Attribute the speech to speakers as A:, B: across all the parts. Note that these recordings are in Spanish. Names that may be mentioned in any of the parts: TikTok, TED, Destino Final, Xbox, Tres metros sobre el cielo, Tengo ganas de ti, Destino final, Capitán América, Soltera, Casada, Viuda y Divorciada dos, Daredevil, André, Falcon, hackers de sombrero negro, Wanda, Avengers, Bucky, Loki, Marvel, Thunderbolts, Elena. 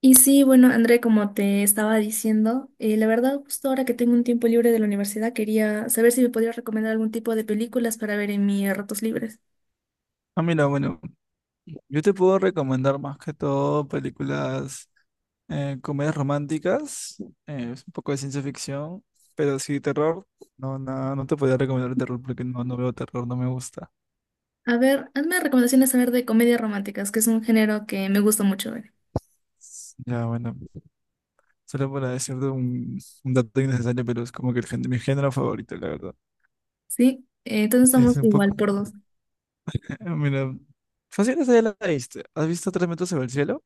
A: Y sí, bueno, André, como te estaba diciendo, la verdad, justo ahora que tengo un tiempo libre de la universidad, quería saber si me podías recomendar algún tipo de películas para ver en mis ratos libres.
B: Ah, mira, bueno, yo te puedo recomendar más que todo películas, comedias románticas, es un poco de ciencia ficción, pero sí terror, no, no, no te podría recomendar el terror porque no, no veo terror, no me gusta.
A: A ver, hazme recomendaciones a ver de comedias románticas, que es un género que me gusta mucho ver.
B: Ya, bueno, solo para decirte un dato innecesario, pero es como que mi género favorito, la verdad.
A: Sí. Entonces
B: Sí,
A: estamos
B: es un poco,
A: igual por dos.
B: mira, fácil esa ya la viste. ¿Has visto Tres metros sobre el cielo?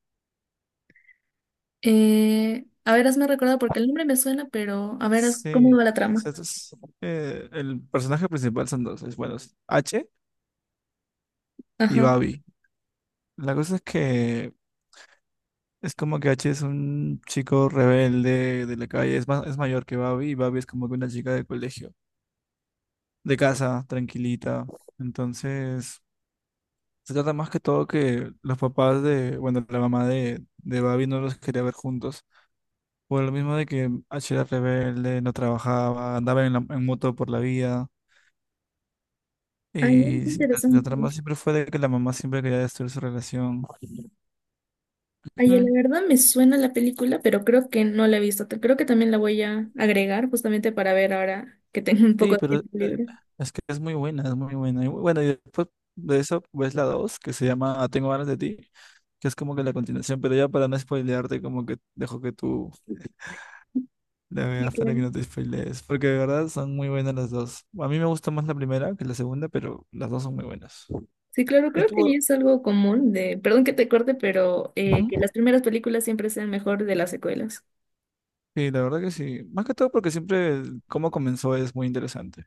A: A ver, hazme recordar porque el nombre me suena, pero a ver,
B: Sí,
A: ¿cómo va la
B: o
A: trama?
B: sea, el personaje principal son dos, es bueno, es H y
A: Ajá.
B: Babi. La cosa es que es como que H es un chico rebelde de la calle, es, más es mayor que Babi y Babi es como que una chica de colegio, de casa, tranquilita. Entonces, se trata más que todo que los papás de, bueno, la mamá de Babi no los quería ver juntos, por lo mismo de que H era rebelde, no trabajaba, andaba en, en moto por la vida.
A: Ay, no,
B: Y
A: qué
B: la
A: interesante.
B: trama siempre fue de que la mamá siempre quería destruir su relación.
A: Oye, la verdad me suena la película, pero creo que no la he visto. Creo que también la voy a agregar justamente para ver ahora que tengo un poco
B: Sí,
A: de
B: pero
A: tiempo libre.
B: es que es muy buena, es muy buena. Y bueno, y después de eso ves la 2 que se llama Ah, Tengo ganas de ti, que es como que la continuación, pero ya para no spoilearte, como que dejo que tú la
A: Sí,
B: veas para
A: claro.
B: que no te spoilees, porque de verdad son muy buenas las dos. A mí me gusta más la primera que la segunda, pero las dos son muy buenas.
A: Sí, claro,
B: Y
A: creo que
B: tú,
A: es algo común de, perdón que te corte, pero que
B: ujú.
A: las primeras películas siempre sean mejor de las secuelas.
B: Sí, la verdad que sí. Más que todo porque siempre el cómo comenzó es muy interesante.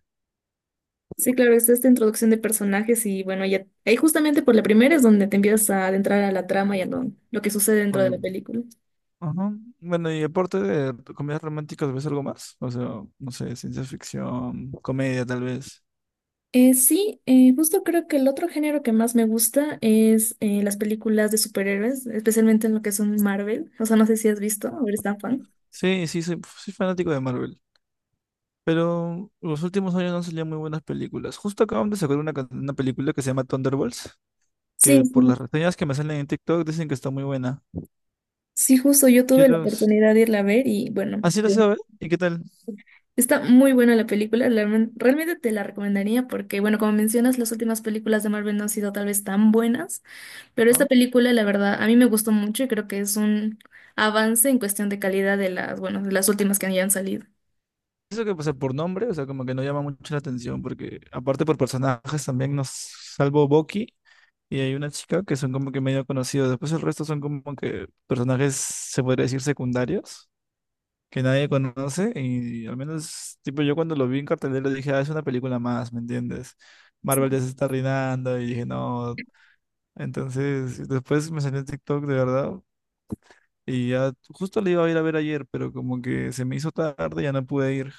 A: Sí, claro, es esta introducción de personajes y bueno, ya ahí justamente por la primera es donde te empiezas a adentrar a la trama y a lo que sucede dentro de
B: Oye,
A: la película.
B: ajá. Bueno, y aparte de comedias románticas, ¿ves algo más? O sea, no sé, ciencia ficción, comedia tal vez.
A: Sí, justo creo que el otro género que más me gusta es las películas de superhéroes, especialmente en lo que son Marvel. O sea, no sé si has visto o
B: No.
A: eres tan fan.
B: Sí, sí, soy fanático de Marvel. Pero los últimos años no salían muy buenas películas. Justo acaban de sacar una película que se llama Thunderbolts,
A: Sí,
B: que por las
A: sí.
B: reseñas que me salen en TikTok dicen que está muy buena.
A: Sí, justo yo tuve la
B: Quiero...
A: oportunidad de irla a ver y bueno,
B: Así lo
A: sí,
B: sé, a ver. ¿Y qué tal?
A: está muy buena la película. La Realmente te la recomendaría porque, bueno, como mencionas, las últimas películas de Marvel no han sido tal vez tan buenas, pero esta
B: ¿No?
A: película, la verdad, a mí me gustó mucho y creo que es un avance en cuestión de calidad de las, bueno, de las últimas que hayan salido.
B: Eso que pasa por nombre, o sea, como que no llama mucho la atención, porque aparte por personajes también nos salvo Bucky. Y hay una chica que son como que medio conocidos. Después el resto son como que personajes, se podría decir, secundarios, que nadie conoce. Y al menos, tipo, yo cuando lo vi en cartelera dije, ah, es una película más, ¿me entiendes? Marvel ya se está arruinando y dije, no. Entonces, después me salió en TikTok de verdad. Y ya justo le iba a ir a ver ayer, pero como que se me hizo tarde, ya no pude ir.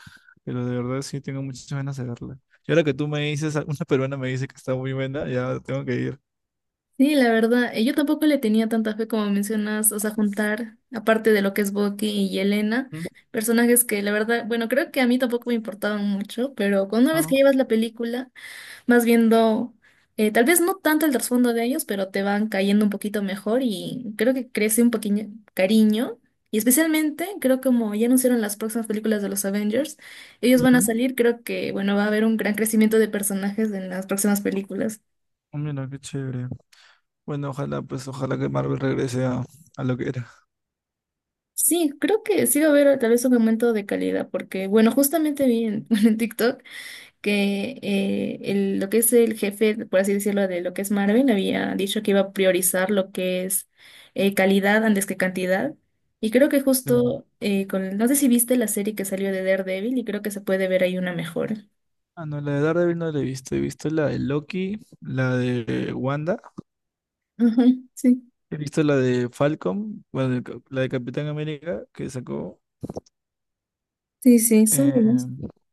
B: Pero de verdad sí tengo muchas ganas de verla. Y ahora que tú me dices, una peruana me dice que está muy buena, ya tengo que ir.
A: Sí, la verdad, yo tampoco le tenía tanta fe como mencionas, o sea, juntar, aparte de lo que es Bucky y Elena,
B: Ujú,
A: personajes que la verdad, bueno, creo que a mí tampoco me importaban mucho, pero con una vez
B: claro.
A: que llevas la película, vas viendo, tal vez no tanto el trasfondo de ellos, pero te van cayendo un poquito mejor y creo que crece un poquito cariño. Y especialmente, creo que como ya anunciaron las próximas películas de los Avengers, ellos van a
B: Ujú.
A: salir, creo que, bueno, va a haber un gran crecimiento de personajes en las próximas películas.
B: Mira, qué chévere. Bueno, ojalá, pues, ojalá que Marvel regrese a lo que era.
A: Sí, creo que sí va a haber tal vez un aumento de calidad, porque bueno, justamente vi en, bueno, en TikTok que lo que es el jefe, por así decirlo, de lo que es Marvel, había dicho que iba a priorizar lo que es calidad antes que cantidad. Y creo que
B: Claro.
A: justo con, no sé si viste la serie que salió de Daredevil y creo que se puede ver ahí una mejora.
B: Ah, no, la de Daredevil no la he visto. He visto la de Loki, la de Wanda,
A: Ajá, sí,
B: he visto la de Falcon, bueno, la de Capitán América que sacó.
A: sí, sí, son
B: eh,
A: buenos.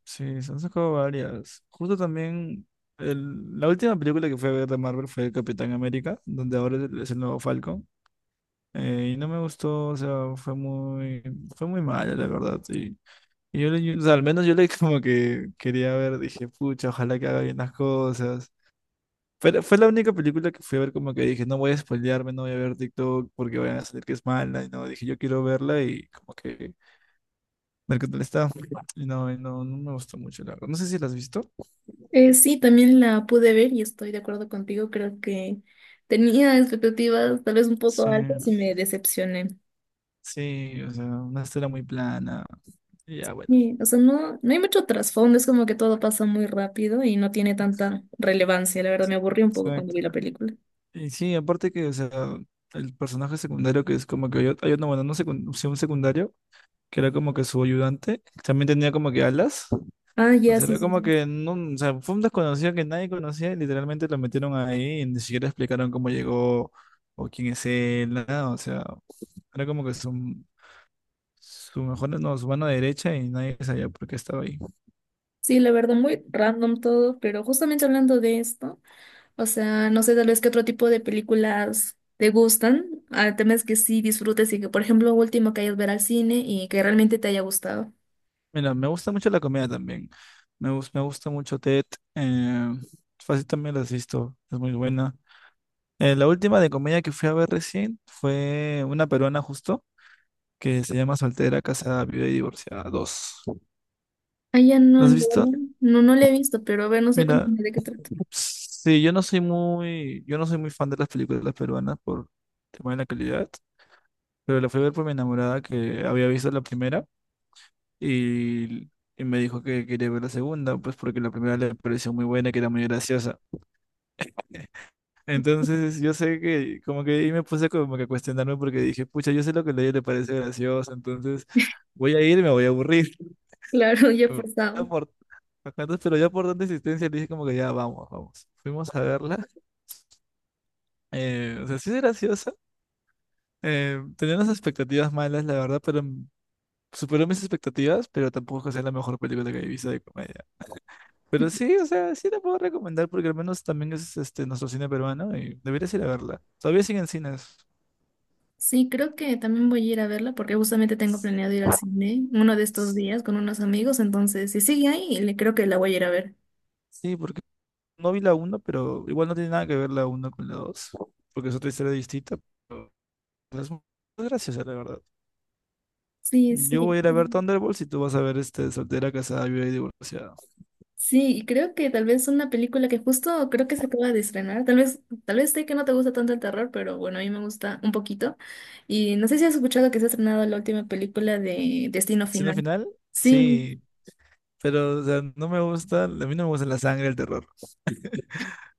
B: sí, se han sacado varias. Justo también, la última película que fue a ver de Marvel fue Capitán América, donde ahora es el nuevo Falcon. Y no me gustó, o sea, fue muy mala, la verdad. Y y yo, o sea, al menos yo le como que quería ver, dije, pucha, ojalá que haga bien las cosas. Fue, fue la única película que fui a ver como que dije, no voy a spoilearme, no voy a ver TikTok porque vayan a salir que es mala. Y no, dije, yo quiero verla y como que ver qué tal está. Y no, no me gustó mucho, la verdad. No sé si la has visto.
A: Sí, también la pude ver y estoy de acuerdo contigo, creo que... tenía expectativas tal vez un
B: Sí,
A: poco altas y me decepcioné.
B: sí, o sea, una historia muy plana. Y ya, bueno.
A: Sí, o sea, no hay mucho trasfondo, es como que todo pasa muy rápido y no tiene tanta relevancia. La verdad, me aburrí un poco cuando
B: Exacto.
A: vi la película.
B: Y sí, aparte que, o sea, el personaje secundario que es como que hay, hay otro, bueno, no secun- sí, un secundario, que era como que su ayudante, también tenía como que alas.
A: Ah,
B: O
A: ya,
B: sea,
A: sí,
B: era
A: sí,
B: como
A: sí.
B: que no, o sea, fue un desconocido que nadie conocía y literalmente lo metieron ahí y ni siquiera explicaron cómo llegó o quién es él, nada. O sea, era como que su mejor, no, su mano derecha y nadie sabía por qué estaba ahí.
A: Sí, la verdad, muy random todo, pero justamente hablando de esto, o sea, no sé tal vez qué otro tipo de películas te gustan. El tema es que sí disfrutes y que, por ejemplo, último que hayas ver al cine y que realmente te haya gustado.
B: Mira, me gusta mucho la comida también. Me, me gusta mucho TED. Eh, fácil también la asisto, es muy buena. La última de comedia que fui a ver recién fue una peruana justo. Que se llama Soltera, Casada, Viuda y Divorciada dos.
A: Ah, ya
B: ¿Lo
A: no,
B: has
A: la
B: visto?
A: verdad, no, no la he visto, pero a ver, no sé,
B: Mira,
A: cuéntame de qué trata.
B: sí, yo no soy muy fan de las películas peruanas por tema de la calidad, pero la fui a ver por mi enamorada que había visto la primera y, y me dijo que quería ver la segunda, pues porque la primera le pareció muy buena, y que era muy graciosa. Entonces yo sé que como que ahí me puse como que a cuestionarme porque dije, pucha, yo sé lo que a ella le parece gracioso, entonces voy a ir y me voy a aburrir.
A: Claro, ya he forzado.
B: Por bacanas, pero ya por tanta insistencia le dije como que ya vamos, vamos. Fuimos a verla. O sea, sí es graciosa. Tenía unas expectativas malas, la verdad, pero superó mis expectativas, pero tampoco es que sea la mejor película que he visto de comedia. Pero sí, o sea, sí la puedo recomendar porque al menos también es este nuestro cine peruano y deberías ir a verla. Todavía siguen cines.
A: Sí, creo que también voy a ir a verla porque justamente tengo
B: S-
A: planeado ir al cine uno de estos
B: s-
A: días con unos amigos, entonces si sigue ahí, le creo que la voy a ir a ver.
B: Sí, porque no vi la uno, pero igual no tiene nada que ver la uno con la 2, porque es otra historia distinta, pero es muy graciosa, la verdad.
A: Sí,
B: Yo
A: sí.
B: voy a ir a ver Thunderbolts y tú vas a ver este soltera, casada, viuda y divorciada.
A: Sí, y creo que tal vez una película que justo creo que se acaba de estrenar, tal vez sé que no te gusta tanto el terror, pero bueno, a mí me gusta un poquito. Y no sé si has escuchado que se ha estrenado la última película de Destino
B: Destino
A: Final.
B: final,
A: Sí,
B: sí, pero o sea, no me gusta, a mí no me gusta la sangre, el terror.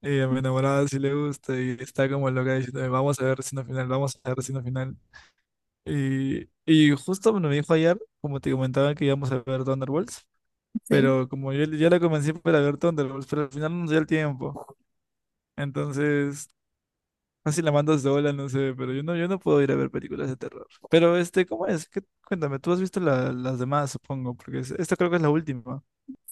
B: Y a mi enamorada sí le gusta y está como loca diciéndome, vamos a ver Destino final, vamos a ver Destino final. Y justo bueno, me dijo ayer, como te comentaba, que íbamos a ver Thunderbolts,
A: sí.
B: pero como yo ya la convencí para ver Thunderbolts, pero al final no nos dio el tiempo. Entonces no sé si la mandas sola, no sé, pero yo no, yo no puedo ir a ver películas de terror. Pero este, ¿cómo es? Cuéntame, tú has visto las demás, supongo, porque esta creo que es la última.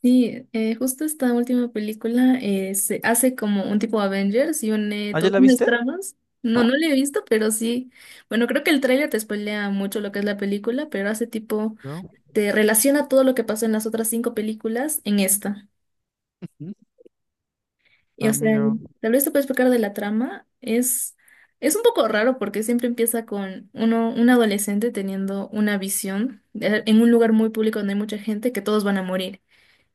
A: Sí, justo esta última película se hace como un tipo Avengers y une
B: ¿Ah, ya
A: todas
B: la
A: las
B: viste?
A: tramas. No, no la he visto, pero sí. Bueno, creo que el tráiler te spoilea mucho lo que es la película, pero hace tipo,
B: No.
A: te relaciona todo lo que pasó en las otras 5 películas en esta.
B: ¿Mm?
A: Y o
B: Ah,
A: sea,
B: mira.
A: tal vez te puedo explicar de la trama. Es un poco raro porque siempre empieza con uno, un adolescente teniendo una visión en un lugar muy público donde hay mucha gente que todos van a morir.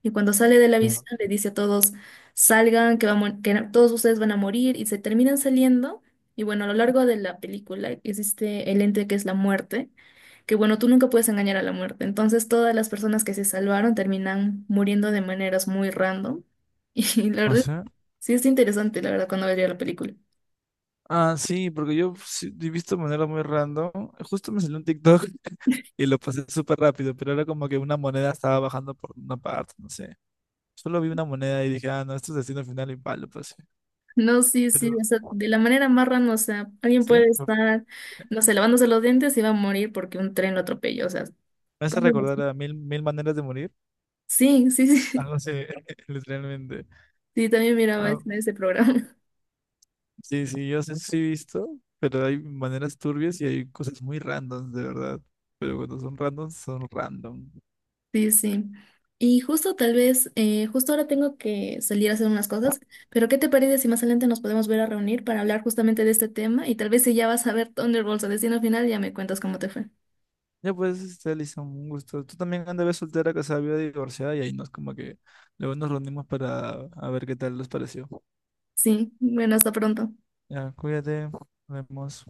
A: Y cuando sale de la
B: Ya.
A: visión le dice a todos, salgan, que, vamos, que todos ustedes van a morir, y se terminan saliendo. Y bueno, a lo largo de la película existe el ente que es la muerte, que bueno, tú nunca puedes engañar a la muerte. Entonces todas las personas que se salvaron terminan muriendo de maneras muy random. Y la
B: No
A: verdad,
B: sé.
A: sí es interesante, la verdad, cuando veía la película.
B: Ah, sí, porque yo sí he visto de manera muy random. Justo me salió un TikTok y lo pasé súper rápido, pero era como que una moneda estaba bajando por una parte, no sé. Solo vi una moneda y dije, ah, no, esto es destino final y palo, pues.
A: No, sí, sí,
B: Pero,
A: o sea, de la manera más random, o sea, alguien
B: ¿sí?
A: puede estar, no sé, lavándose los dientes y va a morir porque un tren lo atropelló, o sea,
B: Me hace
A: cosas
B: recordar
A: así.
B: a mil, mil maneras de morir.
A: Sí, sí, sí.
B: Algo así, literalmente.
A: Sí, también miraba
B: Ah,
A: ese, ese programa.
B: sí, sí, yo sé, sí he visto, pero hay maneras turbias y hay cosas muy randoms, de verdad. Pero cuando son randoms, son random.
A: Sí, sí. Y justo tal vez, justo ahora tengo que salir a hacer unas cosas, pero ¿qué te parece si más adelante nos podemos ver a reunir para hablar justamente de este tema? Y tal vez si ya vas a ver Thunderbolts a destino final, ya me cuentas cómo te fue.
B: Ya pues, este, Alison, un gusto. Tú también andabas soltera, casada, viuda, divorciada y ahí nos como que luego nos reunimos para a ver qué tal les pareció.
A: Sí, bueno, hasta pronto.
B: Ya, cuídate, nos vemos.